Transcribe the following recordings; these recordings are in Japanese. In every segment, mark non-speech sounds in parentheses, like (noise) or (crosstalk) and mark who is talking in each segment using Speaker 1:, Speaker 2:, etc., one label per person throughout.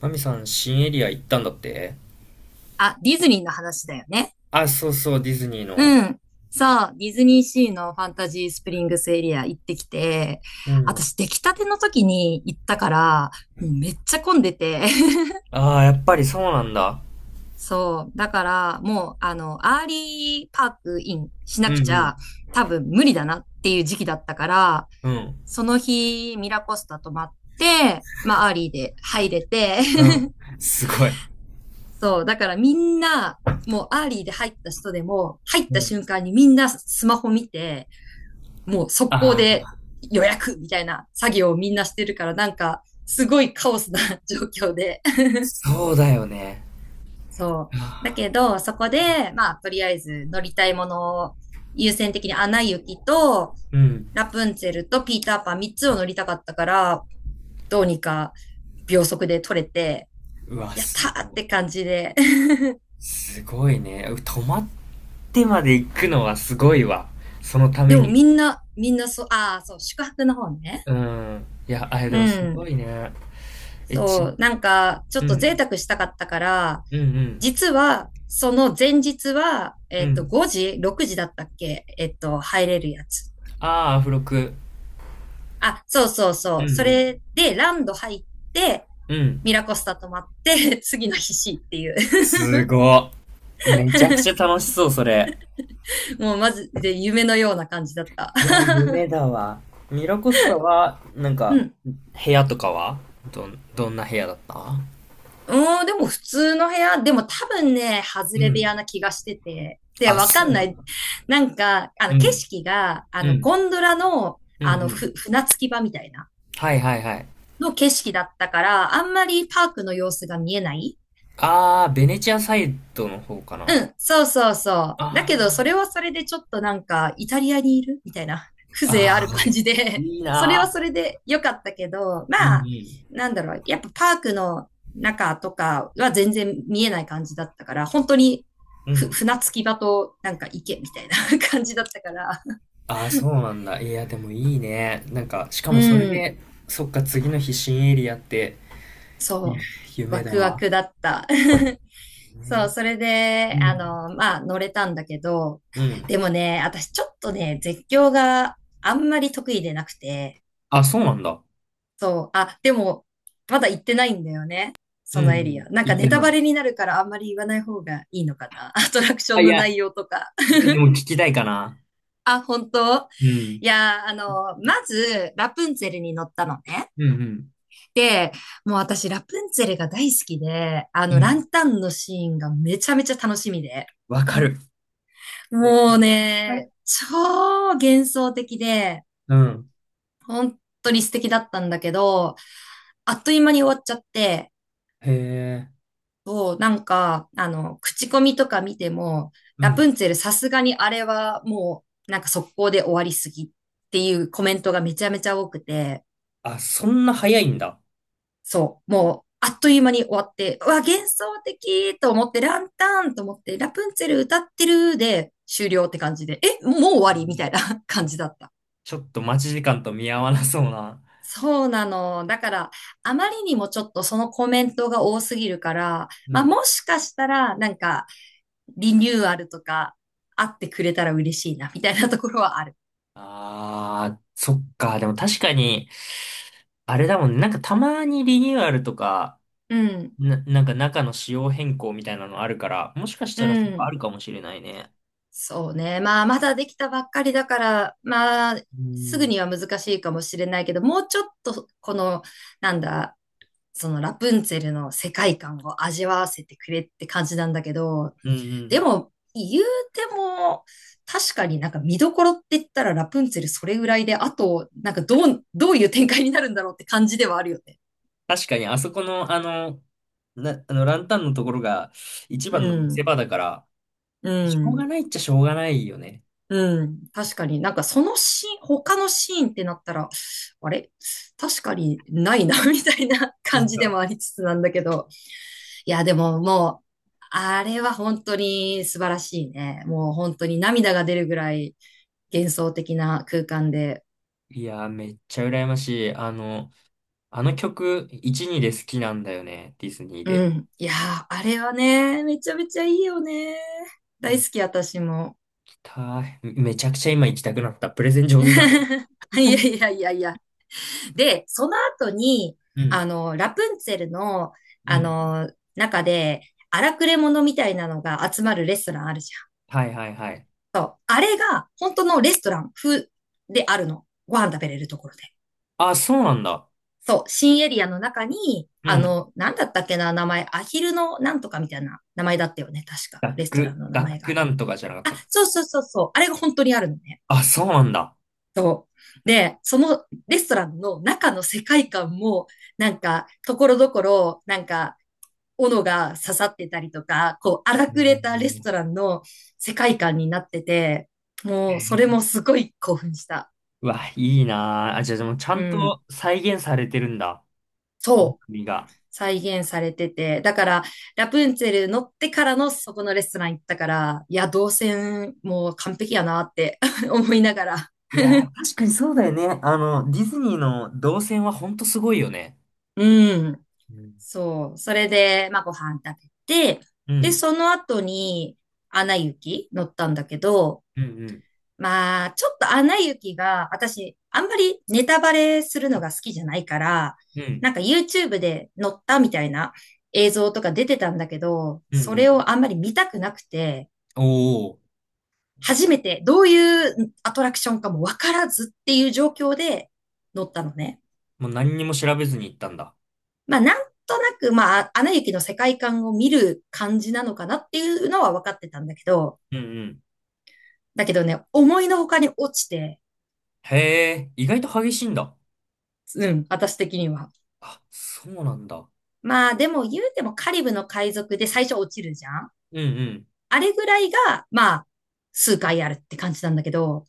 Speaker 1: マミさん、新エリア行ったんだって。
Speaker 2: あ、ディズニーの話だよね。
Speaker 1: あ、そうそう、ディズニーの。
Speaker 2: うん。そう、ディズニーシーのファンタジースプリングスエリア行ってきて、
Speaker 1: うん。
Speaker 2: 私出来たての時に行ったから、もうめっちゃ混んでて。(laughs)
Speaker 1: ああ、やっぱりそうなんだ。
Speaker 2: そう、だからもう、アーリーパークインし
Speaker 1: う
Speaker 2: なく
Speaker 1: んう
Speaker 2: ち
Speaker 1: ん。
Speaker 2: ゃ多分無理だなっていう時期だったから、
Speaker 1: うん。
Speaker 2: その日ミラコスタ泊まって、まあアーリーで入れて、
Speaker 1: う
Speaker 2: (laughs)
Speaker 1: ん。すごい。
Speaker 2: そう、だからみんな、もうアーリーで入った人でも、入っ
Speaker 1: う
Speaker 2: た
Speaker 1: ん。
Speaker 2: 瞬間にみんなスマホ見て、もう速攻
Speaker 1: あ
Speaker 2: で
Speaker 1: あ、
Speaker 2: 予約みたいな作業をみんなしてるから、なんか、すごいカオスな (laughs) 状況で。
Speaker 1: そうだよね。
Speaker 2: そう。だ
Speaker 1: あ
Speaker 2: け
Speaker 1: あ、
Speaker 2: ど、そこで、まあ、とりあえず乗りたいものを優先的にアナ雪と、
Speaker 1: うん。
Speaker 2: ラプンツェルとピーターパン3つを乗りたかったから、どうにか秒速で取れて、
Speaker 1: うわ、
Speaker 2: やっ
Speaker 1: す
Speaker 2: たーっ
Speaker 1: ごい。
Speaker 2: て感じで。(laughs)
Speaker 1: すごいね。泊まってまで行くのはすごいわ。そのため
Speaker 2: でも
Speaker 1: に。
Speaker 2: みんなそう、ああ、そう、宿泊の方ね。
Speaker 1: うん。いや、あれ
Speaker 2: う
Speaker 1: でもすご
Speaker 2: ん。
Speaker 1: いね。え、ち、
Speaker 2: そう、なんか、ちょっ
Speaker 1: う
Speaker 2: と贅
Speaker 1: ん。
Speaker 2: 沢したかったから、
Speaker 1: うんうん。
Speaker 2: 実は、その前日は、
Speaker 1: うん。
Speaker 2: 5時 ?6 時だったっけ、入れるやつ。
Speaker 1: ああ、アフロク。
Speaker 2: あ、そうそう
Speaker 1: う
Speaker 2: そう。そ
Speaker 1: ん
Speaker 2: れで、ランド入って、
Speaker 1: うん。うん。
Speaker 2: ミラコスタ泊まって、(laughs) 次の日 C っていう。
Speaker 1: すごっ。めちゃくちゃ
Speaker 2: (laughs)
Speaker 1: 楽しそう、それ。
Speaker 2: もう、まずで夢のような感じだった。
Speaker 1: いや、夢だわ。ミラコスタは、なん
Speaker 2: (laughs) う
Speaker 1: か、
Speaker 2: ん。
Speaker 1: 部屋とかはどんな部屋だった？
Speaker 2: でも普通の部屋、でも多分ね、外
Speaker 1: う
Speaker 2: れ部
Speaker 1: ん。
Speaker 2: 屋な気がしてて。で、
Speaker 1: あ、
Speaker 2: わか
Speaker 1: そ
Speaker 2: ん
Speaker 1: うな
Speaker 2: な
Speaker 1: んだ。
Speaker 2: い。なんか、
Speaker 1: う
Speaker 2: 景
Speaker 1: ん。
Speaker 2: 色が、
Speaker 1: うん。
Speaker 2: ゴンドラの、
Speaker 1: うんうん。
Speaker 2: 船着き場みたいな、
Speaker 1: はいはいはい。
Speaker 2: の景色だったから、あんまりパークの様子が見えない。
Speaker 1: あー、ベネチアサイドの方かな。
Speaker 2: そうそうそう。だ
Speaker 1: あ
Speaker 2: けど、それ
Speaker 1: ー、
Speaker 2: はそれでちょっとなんか、イタリアにいるみたいな、(laughs) 風情あ
Speaker 1: あ
Speaker 2: る
Speaker 1: ー、は
Speaker 2: 感
Speaker 1: い。
Speaker 2: じで、
Speaker 1: いい
Speaker 2: (laughs) それは
Speaker 1: な
Speaker 2: それで良かったけど、
Speaker 1: ー。う
Speaker 2: まあ、
Speaker 1: ん
Speaker 2: なんだろう、やっぱパークの中とかは全然見えない感じだったから、本当に
Speaker 1: うん。うん。
Speaker 2: 船着き場となんか池みたいな (laughs) 感じだったから、
Speaker 1: あー、そうなんだ。いや、でもいいね。なんか、しかもそ
Speaker 2: う
Speaker 1: れ
Speaker 2: ん。
Speaker 1: で、そっか、次の日新エリアって、ゆ
Speaker 2: そう、
Speaker 1: 夢
Speaker 2: ワ
Speaker 1: だ
Speaker 2: クワ
Speaker 1: わ。
Speaker 2: クだった。(laughs) そう、
Speaker 1: ね。
Speaker 2: それ
Speaker 1: う
Speaker 2: で、
Speaker 1: ん。
Speaker 2: まあ、乗れたんだけど、
Speaker 1: うん。
Speaker 2: でもね、私ちょっとね、絶叫があんまり得意でなくて、
Speaker 1: あ、そうなんだ。
Speaker 2: そう、あ、でも、まだ行ってないんだよね。
Speaker 1: う
Speaker 2: そのエリ
Speaker 1: ん。
Speaker 2: ア。なんか
Speaker 1: 言っ
Speaker 2: ネ
Speaker 1: て
Speaker 2: タ
Speaker 1: な
Speaker 2: バ
Speaker 1: い。
Speaker 2: レになるからあんまり言わない方がいいのかな。(laughs) アトラクショ
Speaker 1: あ、
Speaker 2: ン
Speaker 1: い
Speaker 2: の
Speaker 1: や、
Speaker 2: 内容とか。
Speaker 1: でも聞きたいかな。
Speaker 2: あ、本当？
Speaker 1: うん。
Speaker 2: いや、まず、ラプンツェルに乗ったのね。
Speaker 1: うんうん。
Speaker 2: でもう私、ラプンツェルが大好きで、
Speaker 1: う
Speaker 2: ラ
Speaker 1: ん。
Speaker 2: ンタンのシーンがめちゃめちゃ楽しみで、
Speaker 1: わかる。
Speaker 2: もう
Speaker 1: はい。
Speaker 2: ね、超幻想的で、
Speaker 1: うん。
Speaker 2: 本当に素敵だったんだけど、あっという間に終わっちゃって、
Speaker 1: へえ。
Speaker 2: そう、なんか、口コミとか見ても、
Speaker 1: う
Speaker 2: ラ
Speaker 1: ん。
Speaker 2: プンツェルさすがにあれはもう、なんか速攻で終わりすぎっていうコメントがめちゃめちゃ多くて、
Speaker 1: あ、そんな早いんだ。
Speaker 2: そう、もう、あっという間に終わって、うわ、幻想的と思って、ランタンと思って、ラプンツェル歌ってるで終了って感じで、え、もう終
Speaker 1: う
Speaker 2: わりみた
Speaker 1: ん。
Speaker 2: いな (laughs) 感じだった。
Speaker 1: ちょっと待ち時間と見合わなそうな。
Speaker 2: そうなの。だから、あまりにもちょっとそのコメントが多すぎるから、
Speaker 1: う
Speaker 2: まあ、
Speaker 1: ん。
Speaker 2: もしかしたら、なんか、リニューアルとか、あってくれたら嬉しいな、みたいなところはある。
Speaker 1: ああ、そっか。でも確かに、あれだもんね。なんかたまにリニューアルとか、
Speaker 2: うん、
Speaker 1: なんか中の仕様変更みたいなのあるから、もしかし
Speaker 2: う
Speaker 1: たらそっか
Speaker 2: ん。
Speaker 1: あるかもしれないね。
Speaker 2: そうね。まあ、まだできたばっかりだから、まあ、
Speaker 1: う
Speaker 2: すぐ
Speaker 1: ん。
Speaker 2: には難しいかもしれないけど、もうちょっと、この、なんだ、そのラプンツェルの世界観を味わわせてくれって感じなんだけど、
Speaker 1: うんう
Speaker 2: で
Speaker 1: ん。
Speaker 2: も、言うても、確かになんか見どころって言ったらラプンツェルそれぐらいで、あと、なんかどう、どういう展開になるんだろうって感じではあるよね。
Speaker 1: 確かに、あそこの、あの、ランタンのところが一
Speaker 2: う
Speaker 1: 番の見せ
Speaker 2: ん。
Speaker 1: 場だから、
Speaker 2: う
Speaker 1: しょう
Speaker 2: ん。
Speaker 1: がないっちゃしょうがないよね。
Speaker 2: うん。確かになんかそのシーン、他のシーンってなったら、あれ確かにないな (laughs) みたいな
Speaker 1: そ
Speaker 2: 感
Speaker 1: う
Speaker 2: じでも
Speaker 1: か。
Speaker 2: ありつつなんだけど。いや、でももう、あれは本当に素晴らしいね。もう本当に涙が出るぐらい幻想的な空間で。
Speaker 1: いやー、めっちゃ羨ましい。あの、あの曲、1、2で好きなんだよね、ディズニー
Speaker 2: う
Speaker 1: で。
Speaker 2: ん。いやー、あれはね、めちゃめちゃいいよね。大好
Speaker 1: 行
Speaker 2: き、私も。
Speaker 1: きたい。めちゃくちゃ今行きたくなった。プレゼン
Speaker 2: (laughs)
Speaker 1: 上手だね。
Speaker 2: いや
Speaker 1: (laughs)
Speaker 2: いやいやいや。で、その後に、
Speaker 1: うん。
Speaker 2: ラプンツェルの、
Speaker 1: う
Speaker 2: あ
Speaker 1: ん。
Speaker 2: の、中で、荒くれ者みたいなのが集まるレストランあるじ
Speaker 1: はいはいはい。
Speaker 2: ゃん。そう。あれが、本当のレストラン風であるの。ご飯食べれるところで。
Speaker 1: あ、そうなんだ。
Speaker 2: そう。新エリアの中に、
Speaker 1: うん。
Speaker 2: なんだったっけな、名前。アヒルのなんとかみたいな名前だったよね。確か。
Speaker 1: ダッ
Speaker 2: レストラ
Speaker 1: ク、
Speaker 2: ンの名
Speaker 1: ダッ
Speaker 2: 前
Speaker 1: ク
Speaker 2: が。
Speaker 1: なんとかじゃなかっ
Speaker 2: あ、
Speaker 1: たっけ。
Speaker 2: そうそうそうそう。あれが本当にあるのね。
Speaker 1: あ、そうなんだ。
Speaker 2: そう。で、そのレストランの中の世界観も、なんか、ところどころ、なんか、斧が刺さってたりとか、こう、荒くれたレスト
Speaker 1: へ
Speaker 2: ランの世界観になってて、もう、それ
Speaker 1: ー。
Speaker 2: もすごい興奮した。
Speaker 1: うわ、いいなあ。あ、じゃあ、でもちゃ
Speaker 2: う
Speaker 1: ん
Speaker 2: ん。
Speaker 1: と再現されてるんだ。
Speaker 2: そう。
Speaker 1: 国が。
Speaker 2: 再現されてて。だから、ラプンツェル乗ってからのそこのレストラン行ったから、いや、動線もう完璧やなって (laughs) 思いながら。
Speaker 1: いやー、確かにそうだよね。あの、ディズニーの動線はほんとすごいよね。
Speaker 2: うん。
Speaker 1: うん。
Speaker 2: そう。それで、まあ、ご飯食べて、
Speaker 1: う
Speaker 2: で、
Speaker 1: ん、
Speaker 2: その後に、アナ雪乗ったんだけど、
Speaker 1: うん、うん、
Speaker 2: まあ、ちょっとアナ雪が、私、あんまりネタバレするのが好きじゃないから、
Speaker 1: うん、
Speaker 2: なんか YouTube で載ったみたいな映像とか出てたんだけど、
Speaker 1: う
Speaker 2: それ
Speaker 1: ん、
Speaker 2: をあんまり見たくなくて、
Speaker 1: おおー、
Speaker 2: 初めてどういうアトラクションかもわからずっていう状況で乗ったのね。
Speaker 1: もう何にも調べずに行ったんだ。
Speaker 2: まあ、なんとなく、まあ、アナ雪の世界観を見る感じなのかなっていうのは分かってたんだけど、
Speaker 1: うん、うん。
Speaker 2: だけどね、思いのほかに落ちて、
Speaker 1: へえ、意外と激しいんだ。
Speaker 2: うん、私的には。
Speaker 1: あ、そうなんだ。
Speaker 2: まあでも言うてもカリブの海賊で最初落ちるじゃん。
Speaker 1: うん、
Speaker 2: あれぐらいが、まあ、数回あるって感じなんだけど、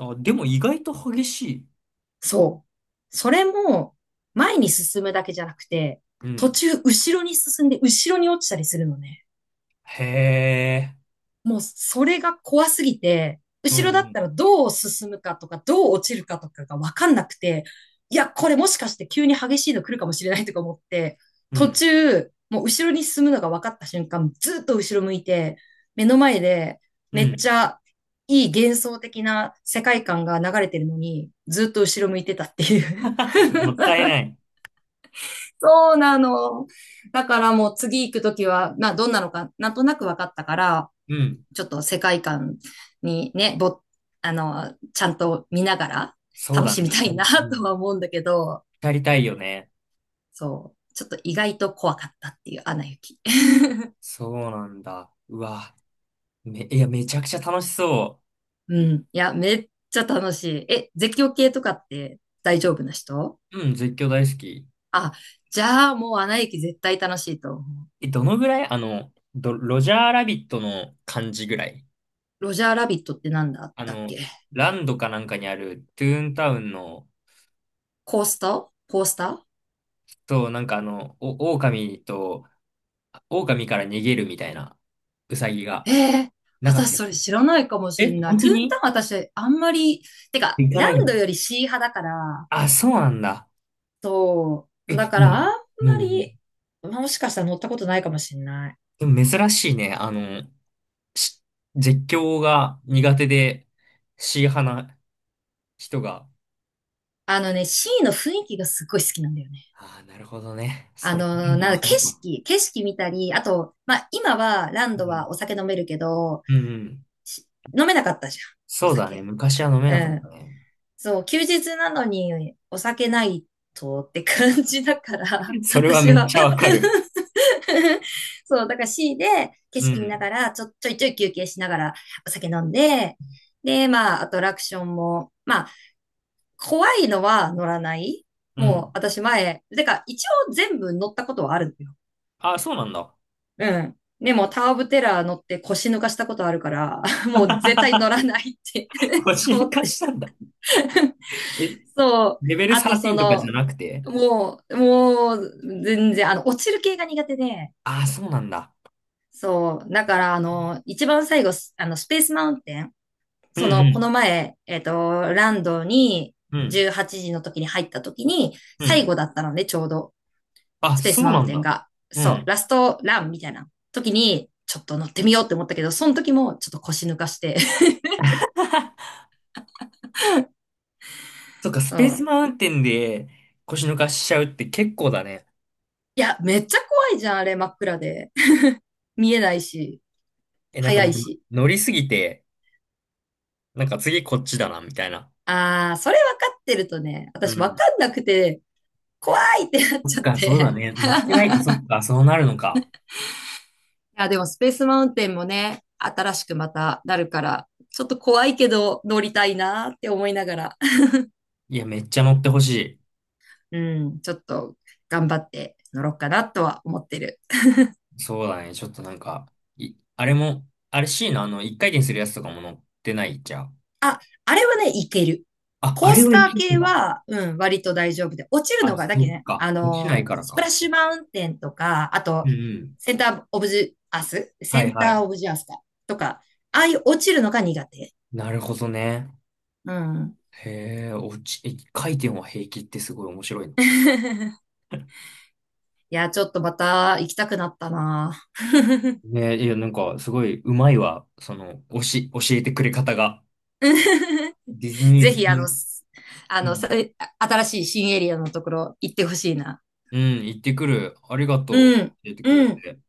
Speaker 1: うん。あ、でも意外と激しい。
Speaker 2: そう。それも、前に進むだけじゃなくて、
Speaker 1: う
Speaker 2: 途
Speaker 1: ん。
Speaker 2: 中後ろに進んで後ろに落ちたりするのね。
Speaker 1: へえ、
Speaker 2: もうそれが怖すぎて、
Speaker 1: うん、う
Speaker 2: 後ろだっ
Speaker 1: ん、
Speaker 2: たらどう進むかとか、どう落ちるかとかがわかんなくて、いや、これもしかして急に激しいの来るかもしれないとか思って、
Speaker 1: う
Speaker 2: 途
Speaker 1: ん、
Speaker 2: 中、もう後ろに進むのが分かった瞬間、ずっと後ろ向いて、目の前で
Speaker 1: う
Speaker 2: めっ
Speaker 1: ん。
Speaker 2: ちゃいい幻想的な世界観が流れてるのに、ずっと後ろ向いてたっていう。
Speaker 1: (laughs) もったいない。
Speaker 2: (laughs) そうなの。だからもう次行くときは、まあどんなのかなんとなく分かったから、
Speaker 1: うん。
Speaker 2: ちょっと世界観にね、ぼ、あの、ちゃんと見ながら
Speaker 1: そう
Speaker 2: 楽
Speaker 1: だ
Speaker 2: し
Speaker 1: ね、
Speaker 2: みたい
Speaker 1: 光。
Speaker 2: な
Speaker 1: う
Speaker 2: (laughs) とは
Speaker 1: ん。
Speaker 2: 思うんだけど、
Speaker 1: やりたいよね。
Speaker 2: そう、ちょっと意外と怖かったっていうアナ雪。(laughs)
Speaker 1: そうなんだ。うわ。め、いや、めちゃくちゃ楽しそ
Speaker 2: うん。いや、めっちゃ楽しい。え、絶叫系とかって大丈夫な人？
Speaker 1: う。うん、絶叫大好き。
Speaker 2: あ、じゃあもうアナ雪絶対楽しいと思う。
Speaker 1: え、どのぐらいロジャーラビットの感じぐらい。
Speaker 2: ロジャーラビットってなんだっ
Speaker 1: あ
Speaker 2: たっ
Speaker 1: の、
Speaker 2: け？
Speaker 1: ランドかなんかにあるトゥーンタウンの、
Speaker 2: コースター、コースター？
Speaker 1: そう、なんかあの、狼と、狼から逃げるみたいな、ウサギ
Speaker 2: え
Speaker 1: が、
Speaker 2: えー、
Speaker 1: なかったっ
Speaker 2: 私それ
Speaker 1: け？
Speaker 2: 知らないかもし
Speaker 1: え、
Speaker 2: んない。
Speaker 1: 本
Speaker 2: ト
Speaker 1: 当
Speaker 2: ゥーン
Speaker 1: に？
Speaker 2: タウン私あんまり、てか、
Speaker 1: 行かな
Speaker 2: ラ
Speaker 1: い
Speaker 2: ン
Speaker 1: ん
Speaker 2: ド
Speaker 1: だ。
Speaker 2: よりシー派だから、
Speaker 1: あ、そうなんだ。
Speaker 2: そう。
Speaker 1: え、
Speaker 2: だか
Speaker 1: う
Speaker 2: らあん
Speaker 1: ん。
Speaker 2: ま
Speaker 1: うん。
Speaker 2: り、もしかしたら乗ったことないかもしれない。
Speaker 1: でも珍しいね。あの、し絶叫が苦手で C 派な人が、
Speaker 2: あのね、C の雰囲気がすっごい好きなんだよね。
Speaker 1: ああ、なるほどね。それでも
Speaker 2: な
Speaker 1: わ
Speaker 2: ん
Speaker 1: か
Speaker 2: か
Speaker 1: る
Speaker 2: 景
Speaker 1: かも。
Speaker 2: 色、景色見たり、あと、まあ、今はラン
Speaker 1: う
Speaker 2: ド
Speaker 1: ん。
Speaker 2: はお酒飲めるけど、
Speaker 1: うんうん。
Speaker 2: し飲めなかったじゃん、お
Speaker 1: そうだね。
Speaker 2: 酒。
Speaker 1: 昔は飲め
Speaker 2: う
Speaker 1: なかった
Speaker 2: ん。
Speaker 1: ね。
Speaker 2: そう、休日なのにお酒ないとって感じだから、
Speaker 1: (laughs) それは
Speaker 2: 私
Speaker 1: めっ
Speaker 2: は
Speaker 1: ちゃわかる。
Speaker 2: (laughs) そう、だから C で景
Speaker 1: う
Speaker 2: 色見な
Speaker 1: ん。
Speaker 2: がら、ちょいちょい休憩しながらお酒飲んで、で、まあ、アトラクションも、まあ、怖いのは乗らない。
Speaker 1: う
Speaker 2: もう、
Speaker 1: ん。
Speaker 2: 私前、てか、一応全部乗ったことはあるんだよ。
Speaker 1: ああ、そうなんだ。
Speaker 2: うん。でも、タワー・オブ・テラー乗って腰抜かしたことあるから、(laughs) もう絶対乗ら
Speaker 1: (laughs)
Speaker 2: ないって
Speaker 1: 腰
Speaker 2: (laughs) 思
Speaker 1: 抜
Speaker 2: っ
Speaker 1: かし
Speaker 2: て。
Speaker 1: たんだ。え、
Speaker 2: そう。
Speaker 1: レベル
Speaker 2: あと、そ
Speaker 1: 13とかじゃ
Speaker 2: の、
Speaker 1: なくて？
Speaker 2: もう、全然、落ちる系が苦手で、
Speaker 1: ああ、そうなんだ。
Speaker 2: そう。だから、一番最後、スあの、スペースマウンテン、
Speaker 1: うん
Speaker 2: そ
Speaker 1: う
Speaker 2: の、この
Speaker 1: ん。
Speaker 2: 前、ランドに
Speaker 1: うん。
Speaker 2: 18時の時に入った時に、
Speaker 1: う
Speaker 2: 最
Speaker 1: ん。
Speaker 2: 後だったので、ちょうど、
Speaker 1: あ、
Speaker 2: スペー
Speaker 1: そ
Speaker 2: ス
Speaker 1: う
Speaker 2: マウ
Speaker 1: な
Speaker 2: ン
Speaker 1: ん
Speaker 2: テン
Speaker 1: だ。
Speaker 2: が。
Speaker 1: う
Speaker 2: そう、
Speaker 1: ん。
Speaker 2: ラストランみたいな時に、ちょっと乗ってみようって思ったけど、その時もちょっと腰抜かして。
Speaker 1: そっか、
Speaker 2: (laughs)
Speaker 1: ス
Speaker 2: そ
Speaker 1: ペース
Speaker 2: う。
Speaker 1: マウンテンで腰抜かしちゃうって結構だね。
Speaker 2: いや、めっちゃ怖いじゃん、あれ、真っ暗で。(laughs) 見えないし、
Speaker 1: え、なんか
Speaker 2: 早
Speaker 1: もう
Speaker 2: いし。
Speaker 1: 乗りすぎて、なんか次こっちだな、みたいな。
Speaker 2: ああ、それ分かってるとね、
Speaker 1: う
Speaker 2: 私分
Speaker 1: ん。
Speaker 2: かんなくて、怖いってなっ
Speaker 1: そっ
Speaker 2: ちゃっ
Speaker 1: か、そうだ
Speaker 2: て。
Speaker 1: ね。乗ってないと、
Speaker 2: (laughs)
Speaker 1: そっか、そうなるのか。
Speaker 2: や、でもスペースマウンテンもね、新しくまたなるから、ちょっと怖いけど乗りたいなって思いながら、(laughs)
Speaker 1: いや、めっちゃ乗ってほし
Speaker 2: うん、ちょっと頑張って乗ろうかなとは思ってる。
Speaker 1: い。そうだね。ちょっとなんか、あれも、あれ C のあの、一回転するやつとかも乗ってないじゃん。
Speaker 2: あ、あれはね、いける。
Speaker 1: あ、あ
Speaker 2: コー
Speaker 1: れ
Speaker 2: ス
Speaker 1: は
Speaker 2: タ
Speaker 1: い
Speaker 2: ー
Speaker 1: けるん
Speaker 2: 系
Speaker 1: だ。
Speaker 2: は、うん、割と大丈夫で、落ちる
Speaker 1: あ、
Speaker 2: のが、だ
Speaker 1: そ
Speaker 2: け
Speaker 1: っ
Speaker 2: どね、
Speaker 1: か。落ちないから
Speaker 2: スプラ
Speaker 1: か。
Speaker 2: ッシュマウンテンとか、あと、
Speaker 1: うんうん。
Speaker 2: センターオブジアスセ
Speaker 1: はい
Speaker 2: ン
Speaker 1: は
Speaker 2: ター
Speaker 1: い。
Speaker 2: オブジアスかとか、ああいう落ちるのが苦手。
Speaker 1: なるほどね。
Speaker 2: うん。
Speaker 1: へえ、一回転は平気ってすごい面白いの。
Speaker 2: (laughs) いや、ちょっとまた行きたくなったな。
Speaker 1: ね、いや、なんか、すごい、うまいわ。その、教えてくれ方が。
Speaker 2: (laughs)
Speaker 1: ディズニ
Speaker 2: ぜ
Speaker 1: ー好き
Speaker 2: ひ、
Speaker 1: に、
Speaker 2: すあ
Speaker 1: う
Speaker 2: の、
Speaker 1: ん、
Speaker 2: 新しい新エリアのところ行ってほしいな。
Speaker 1: うん、行ってくる。ありが
Speaker 2: う
Speaker 1: と
Speaker 2: ん、
Speaker 1: う。教えてくれ
Speaker 2: うん。
Speaker 1: て。